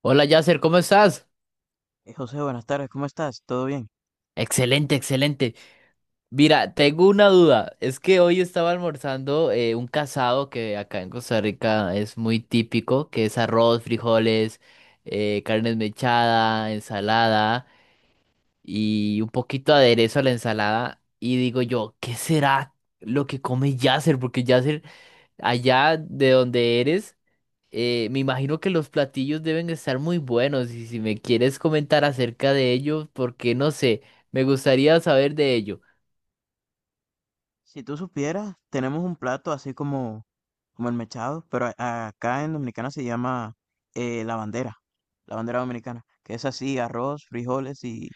Hola Yasser, ¿cómo estás? José, buenas tardes, ¿cómo estás? ¿Todo bien? Excelente, excelente. Mira, tengo una duda. Es que hoy estaba almorzando un casado que acá en Costa Rica es muy típico, que es arroz, frijoles, carne mechada, ensalada y un poquito de aderezo a la ensalada. Y digo yo, ¿qué será lo que come Yasser? Porque Yasser, allá de donde eres... Me imagino que los platillos deben estar muy buenos y si me quieres comentar acerca de ellos, porque no sé, me gustaría saber de ello. Si tú supieras, tenemos un plato así como el mechado, pero acá en Dominicana se llama eh, la bandera, la bandera dominicana, que es así, arroz, frijoles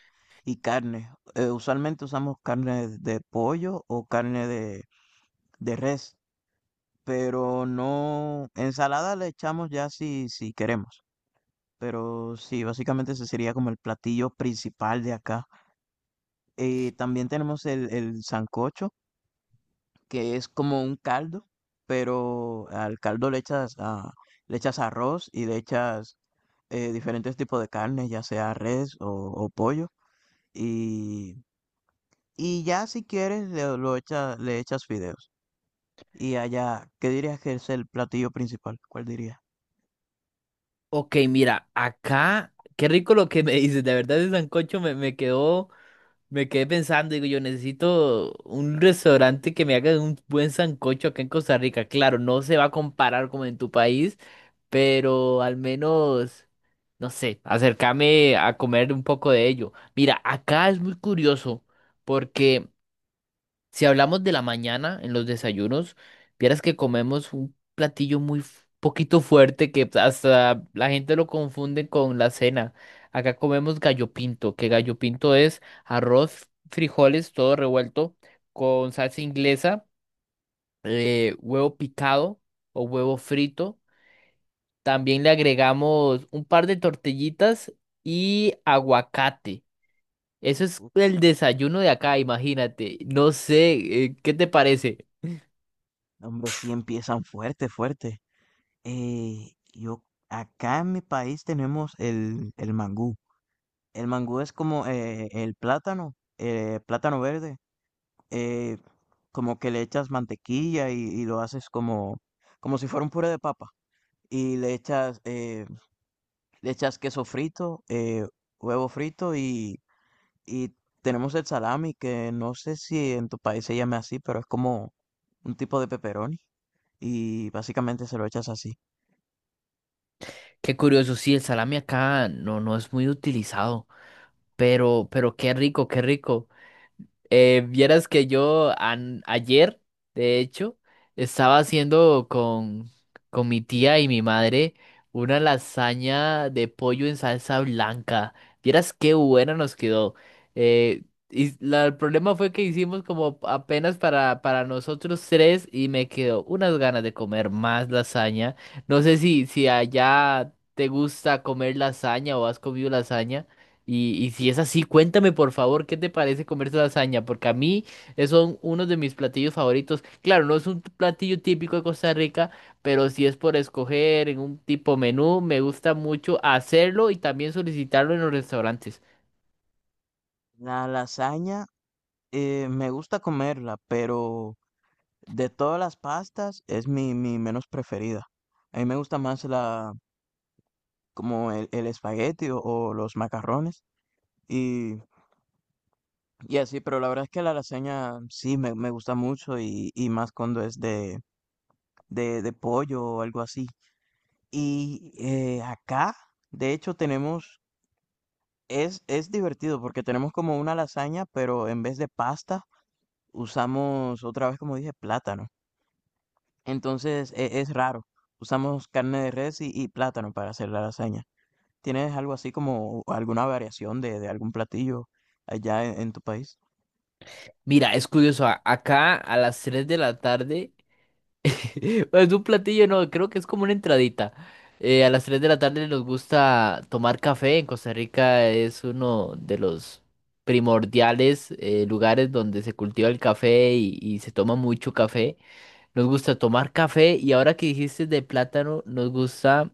y carne. Usualmente usamos carne de pollo o carne de res, pero no, ensalada le echamos ya si, si queremos, pero sí, básicamente ese sería como el platillo principal de acá. También tenemos el sancocho que es como un caldo, pero al caldo le echas, le echas arroz y le echas diferentes tipos de carne, ya sea res o pollo. Y, y ya si quieres, le echas fideos. Y allá, ¿qué dirías que es el platillo principal? ¿Cuál dirías? Ok, mira, acá, qué rico lo que me dices, de verdad ese sancocho me quedó, me quedé pensando, digo, yo necesito un restaurante que me haga un buen sancocho acá en Costa Rica. Claro, no se va a comparar como en tu país, pero al menos, no sé, acercame a comer un poco de ello. Mira, acá es muy curioso porque... Si hablamos de la mañana en los desayunos, vieras que comemos un platillo muy poquito fuerte que hasta la gente lo confunde con la cena. Acá comemos gallo pinto, que gallo pinto es arroz, frijoles, todo revuelto, con salsa inglesa, huevo picado o huevo frito. También le agregamos un par de tortillitas y aguacate. Eso es Uf. el desayuno de acá, imagínate. No sé, ¿qué te parece? Hombre, sí empiezan fuerte, fuerte. Eh, yo, Acá en mi país tenemos el mangú. El mangú es como el plátano, plátano verde, eh, como que le echas mantequilla y lo haces como si fuera un puré de papa. Y le echas queso frito, huevo frito y tenemos el salami, que no sé si en tu país se llame así, pero es como un tipo de pepperoni y básicamente se lo echas así. Qué curioso, sí, el salami acá no, no es muy utilizado, pero qué rico, qué rico. Vieras que yo ayer, de hecho, estaba haciendo con mi tía y mi madre una lasaña de pollo en salsa blanca. Vieras qué buena nos quedó. Eh, y el problema fue que hicimos como apenas para nosotros tres y me quedó unas ganas de comer más lasaña. No sé si allá te gusta comer lasaña o has comido lasaña. Y si es así, cuéntame por favor qué te parece comer tu lasaña, porque a mí es son uno de mis platillos favoritos. Claro, no es un platillo típico de Costa Rica, pero si es por escoger en un tipo menú, me gusta mucho hacerlo y también solicitarlo en los restaurantes. La lasaña. Me gusta comerla, pero de todas las pastas es mi menos preferida. A mí me gusta más como el espagueti o los macarrones y, y así, pero la verdad es que la lasaña sí me gusta mucho y más cuando es de pollo o algo así. Y acá, de hecho, tenemos, es divertido porque tenemos como una lasaña, pero en vez de pasta usamos otra vez, como dije, plátano. Entonces es raro. Usamos carne de res y plátano para hacer la lasaña. ¿Tienes algo así como alguna variación de algún platillo allá en tu país? Mira, es curioso, acá a las 3 de la tarde es un platillo, no, creo que es como una entradita. A las 3 de la tarde nos gusta tomar café. En Costa Rica es uno de los primordiales lugares donde se cultiva el café y se toma mucho café. Nos gusta tomar café y ahora que dijiste de plátano, nos gusta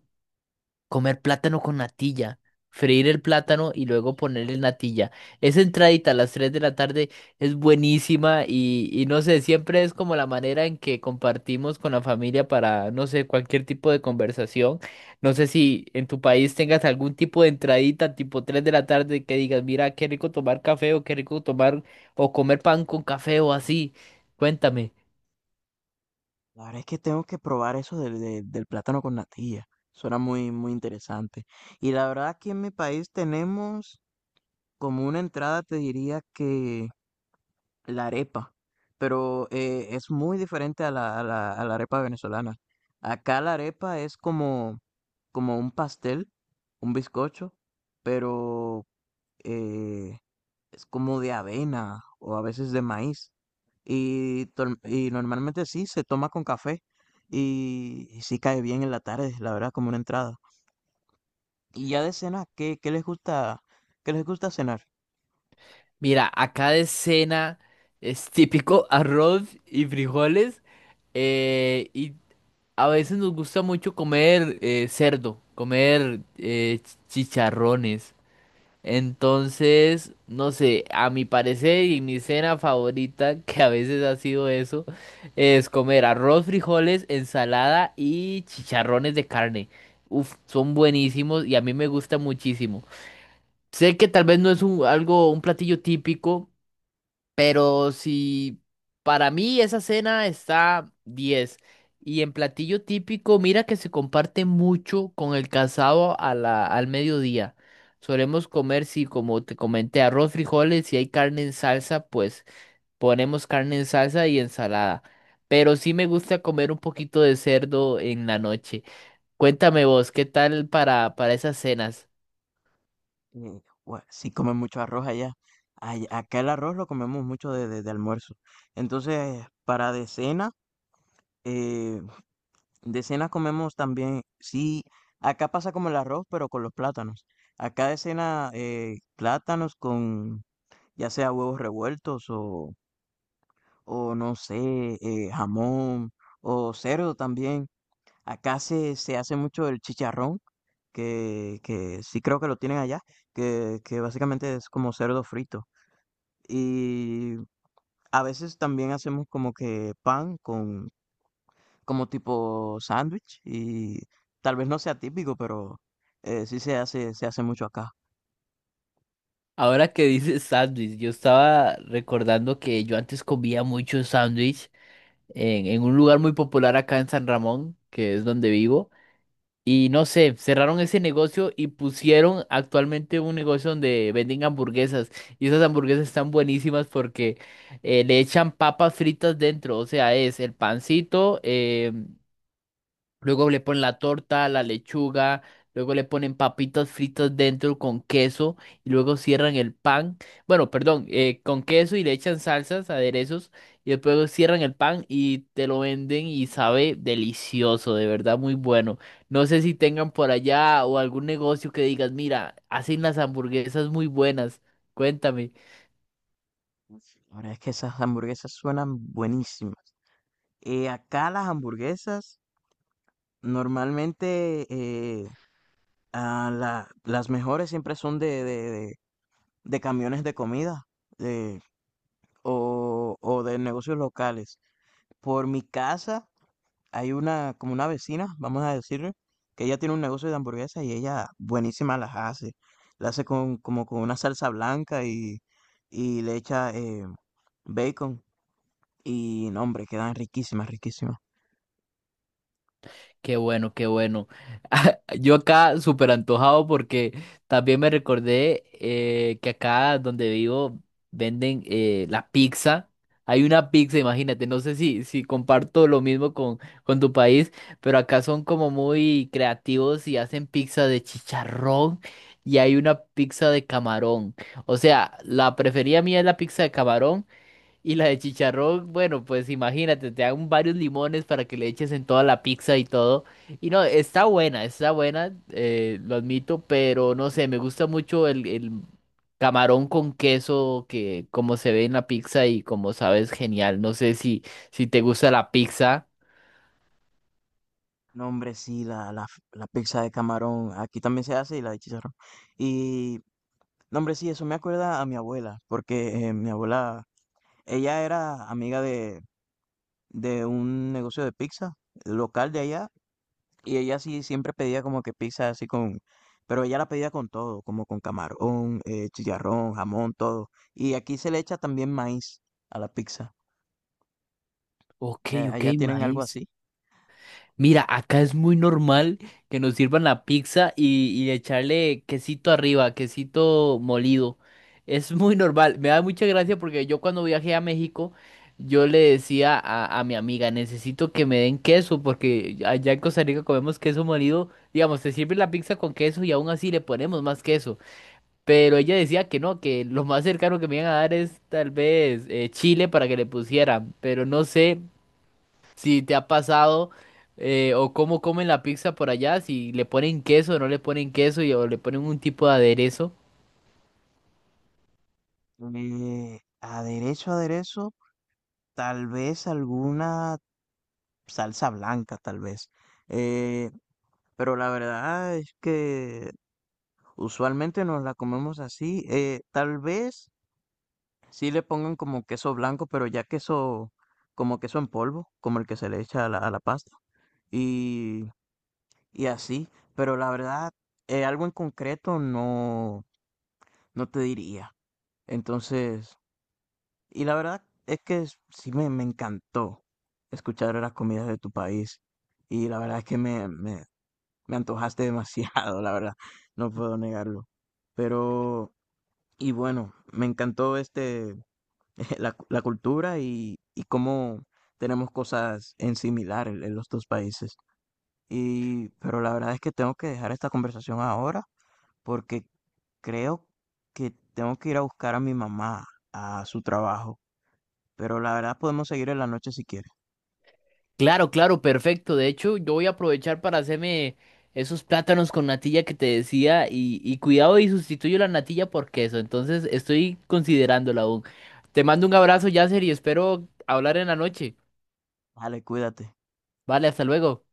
comer plátano con natilla. Freír el plátano y luego ponerle natilla. Esa entradita a las 3 de la tarde es buenísima y no sé, siempre es como la manera en que compartimos con la familia para, no sé, cualquier tipo de conversación. No sé si en tu país tengas algún tipo de entradita tipo 3 de la tarde que digas, mira, qué rico tomar café o qué rico tomar o comer pan con café o así. Cuéntame. La verdad es que tengo que probar eso del plátano con natilla. Suena muy, muy interesante. Y la verdad aquí en mi país tenemos como una entrada, te diría que la arepa, pero, es muy diferente a la arepa venezolana. Acá la arepa es como un pastel, un bizcocho, pero, eh, es como de avena o a veces de maíz, y tol y normalmente sí se toma con café, y sí cae bien en la tarde, la verdad, como una entrada. Y ya de cena, ¿qué les gusta cenar? Mira, acá de cena es típico arroz y frijoles. Y a veces nos gusta mucho comer cerdo, comer chicharrones. Entonces, no sé, a mi parecer y mi cena favorita, que a veces ha sido eso, es comer arroz, frijoles, ensalada y chicharrones de carne. Uf, son buenísimos y a mí me gusta muchísimo. Sé que tal vez no es un, algo, un platillo típico. Pero si para mí esa cena está diez. Y en platillo típico, mira que se comparte mucho con el casado a al mediodía. Solemos comer, si como te comenté, arroz, frijoles, si hay carne en salsa, pues ponemos carne en salsa y ensalada. Pero sí me gusta comer un poquito de cerdo en la noche. Cuéntame vos, ¿qué tal para esas cenas? Sí comen mucho arroz allá. Acá el arroz lo comemos mucho de almuerzo. Entonces, para eh, de cena comemos también, sí, acá pasa como el arroz, pero con los plátanos. Acá de cena, plátanos con ya sea huevos revueltos o no sé, jamón o cerdo también. Acá se hace mucho el chicharrón, que sí creo que lo tienen allá, que básicamente es como cerdo frito. Y a veces también hacemos como que pan con como tipo sándwich y tal vez no sea típico, pero sí se se hace mucho acá. Ahora que dices sándwich, yo estaba recordando que yo antes comía mucho sándwich en un lugar muy popular acá en San Ramón, que es donde vivo. Y no sé, cerraron ese negocio y pusieron actualmente un negocio donde venden hamburguesas. Y esas hamburguesas están buenísimas porque le echan papas fritas dentro. O sea, es el pancito, luego le ponen la torta, la lechuga, luego le ponen papitas fritas dentro con queso y luego cierran el pan, bueno, perdón, con queso y le echan salsas, aderezos y después cierran el pan y te lo venden y sabe delicioso, de verdad muy bueno. No sé si tengan por allá o algún negocio que digas, mira, hacen las hamburguesas muy buenas, cuéntame. La verdad es que esas hamburguesas suenan buenísimas. Acá las hamburguesas normalmente las mejores siempre son de camiones de comida eh, o de negocios locales. Por mi casa hay una, como una vecina, vamos a decirle, que ella tiene un negocio de hamburguesas y ella buenísima las hace. La hace con, como con una salsa blanca y le echa bacon. Y no, hombre, quedan riquísimas, riquísimas. Qué bueno, qué bueno. Yo acá súper antojado porque también me recordé que acá donde vivo venden la pizza. Hay una pizza, imagínate, no sé si, si comparto lo mismo con tu país, pero acá son como muy creativos y hacen pizza de chicharrón y hay una pizza de camarón. O sea, la preferida mía es la pizza de camarón. Y la de chicharrón, bueno, pues imagínate, te dan varios limones para que le eches en toda la pizza y todo. Y no, está buena, lo admito, pero no sé, me gusta mucho el camarón con queso que como se ve en la pizza y como sabes, genial. No sé si, si te gusta la pizza. No, hombre, sí, la pizza de camarón, aquí también se hace y la de chicharrón. Y, no, hombre, sí, eso me acuerda a mi abuela, porque mi abuela ella era amiga de un negocio de pizza local de allá y ella sí siempre pedía como que pizza así con, pero ella la pedía con todo, como con camarón, chicharrón, jamón, todo. Y aquí se le echa también maíz a la pizza. Ok, ok, Allá tienen algo maíz. así. Mira, acá es muy normal que nos sirvan la pizza y echarle quesito arriba, quesito molido. Es muy normal. Me da mucha gracia porque yo cuando viajé a México, yo le decía a mi amiga, necesito que me den queso porque allá en Costa Rica comemos queso molido. Digamos, te sirve la pizza con queso y aún así le ponemos más queso. Pero ella decía que no, que lo más cercano que me iban a dar es tal vez chile para que le pusieran. Pero no sé si te ha pasado o cómo comen la pizza por allá, si le ponen queso o no le ponen queso o le ponen un tipo de aderezo. Aderezo, aderezo, tal vez alguna salsa blanca, tal vez. Eh, pero la verdad es que usualmente nos la comemos así. Tal vez sí le pongan como queso blanco, pero ya queso, como queso en polvo, como el que se le echa a a la pasta. Y, y así, pero la verdad, algo en concreto no te diría. Entonces, y la verdad es que sí me encantó escuchar las comidas de tu país. Y la verdad es que me antojaste demasiado, la verdad, no puedo negarlo. Pero, y bueno, me encantó este la cultura y cómo tenemos cosas en similar en los dos países. Y, pero la verdad es que tengo que dejar esta conversación ahora porque creo que tengo que ir a buscar a mi mamá a su trabajo. Pero la verdad podemos seguir en la noche si quieres. Claro, claro, perfecto. De hecho, yo voy a aprovechar para hacerme esos plátanos con natilla que te decía y cuidado y sustituyo la natilla por queso. Entonces, estoy considerándola aún. Te mando un abrazo, Yasser, y espero hablar en la noche. Vale, cuídate. Vale, hasta luego.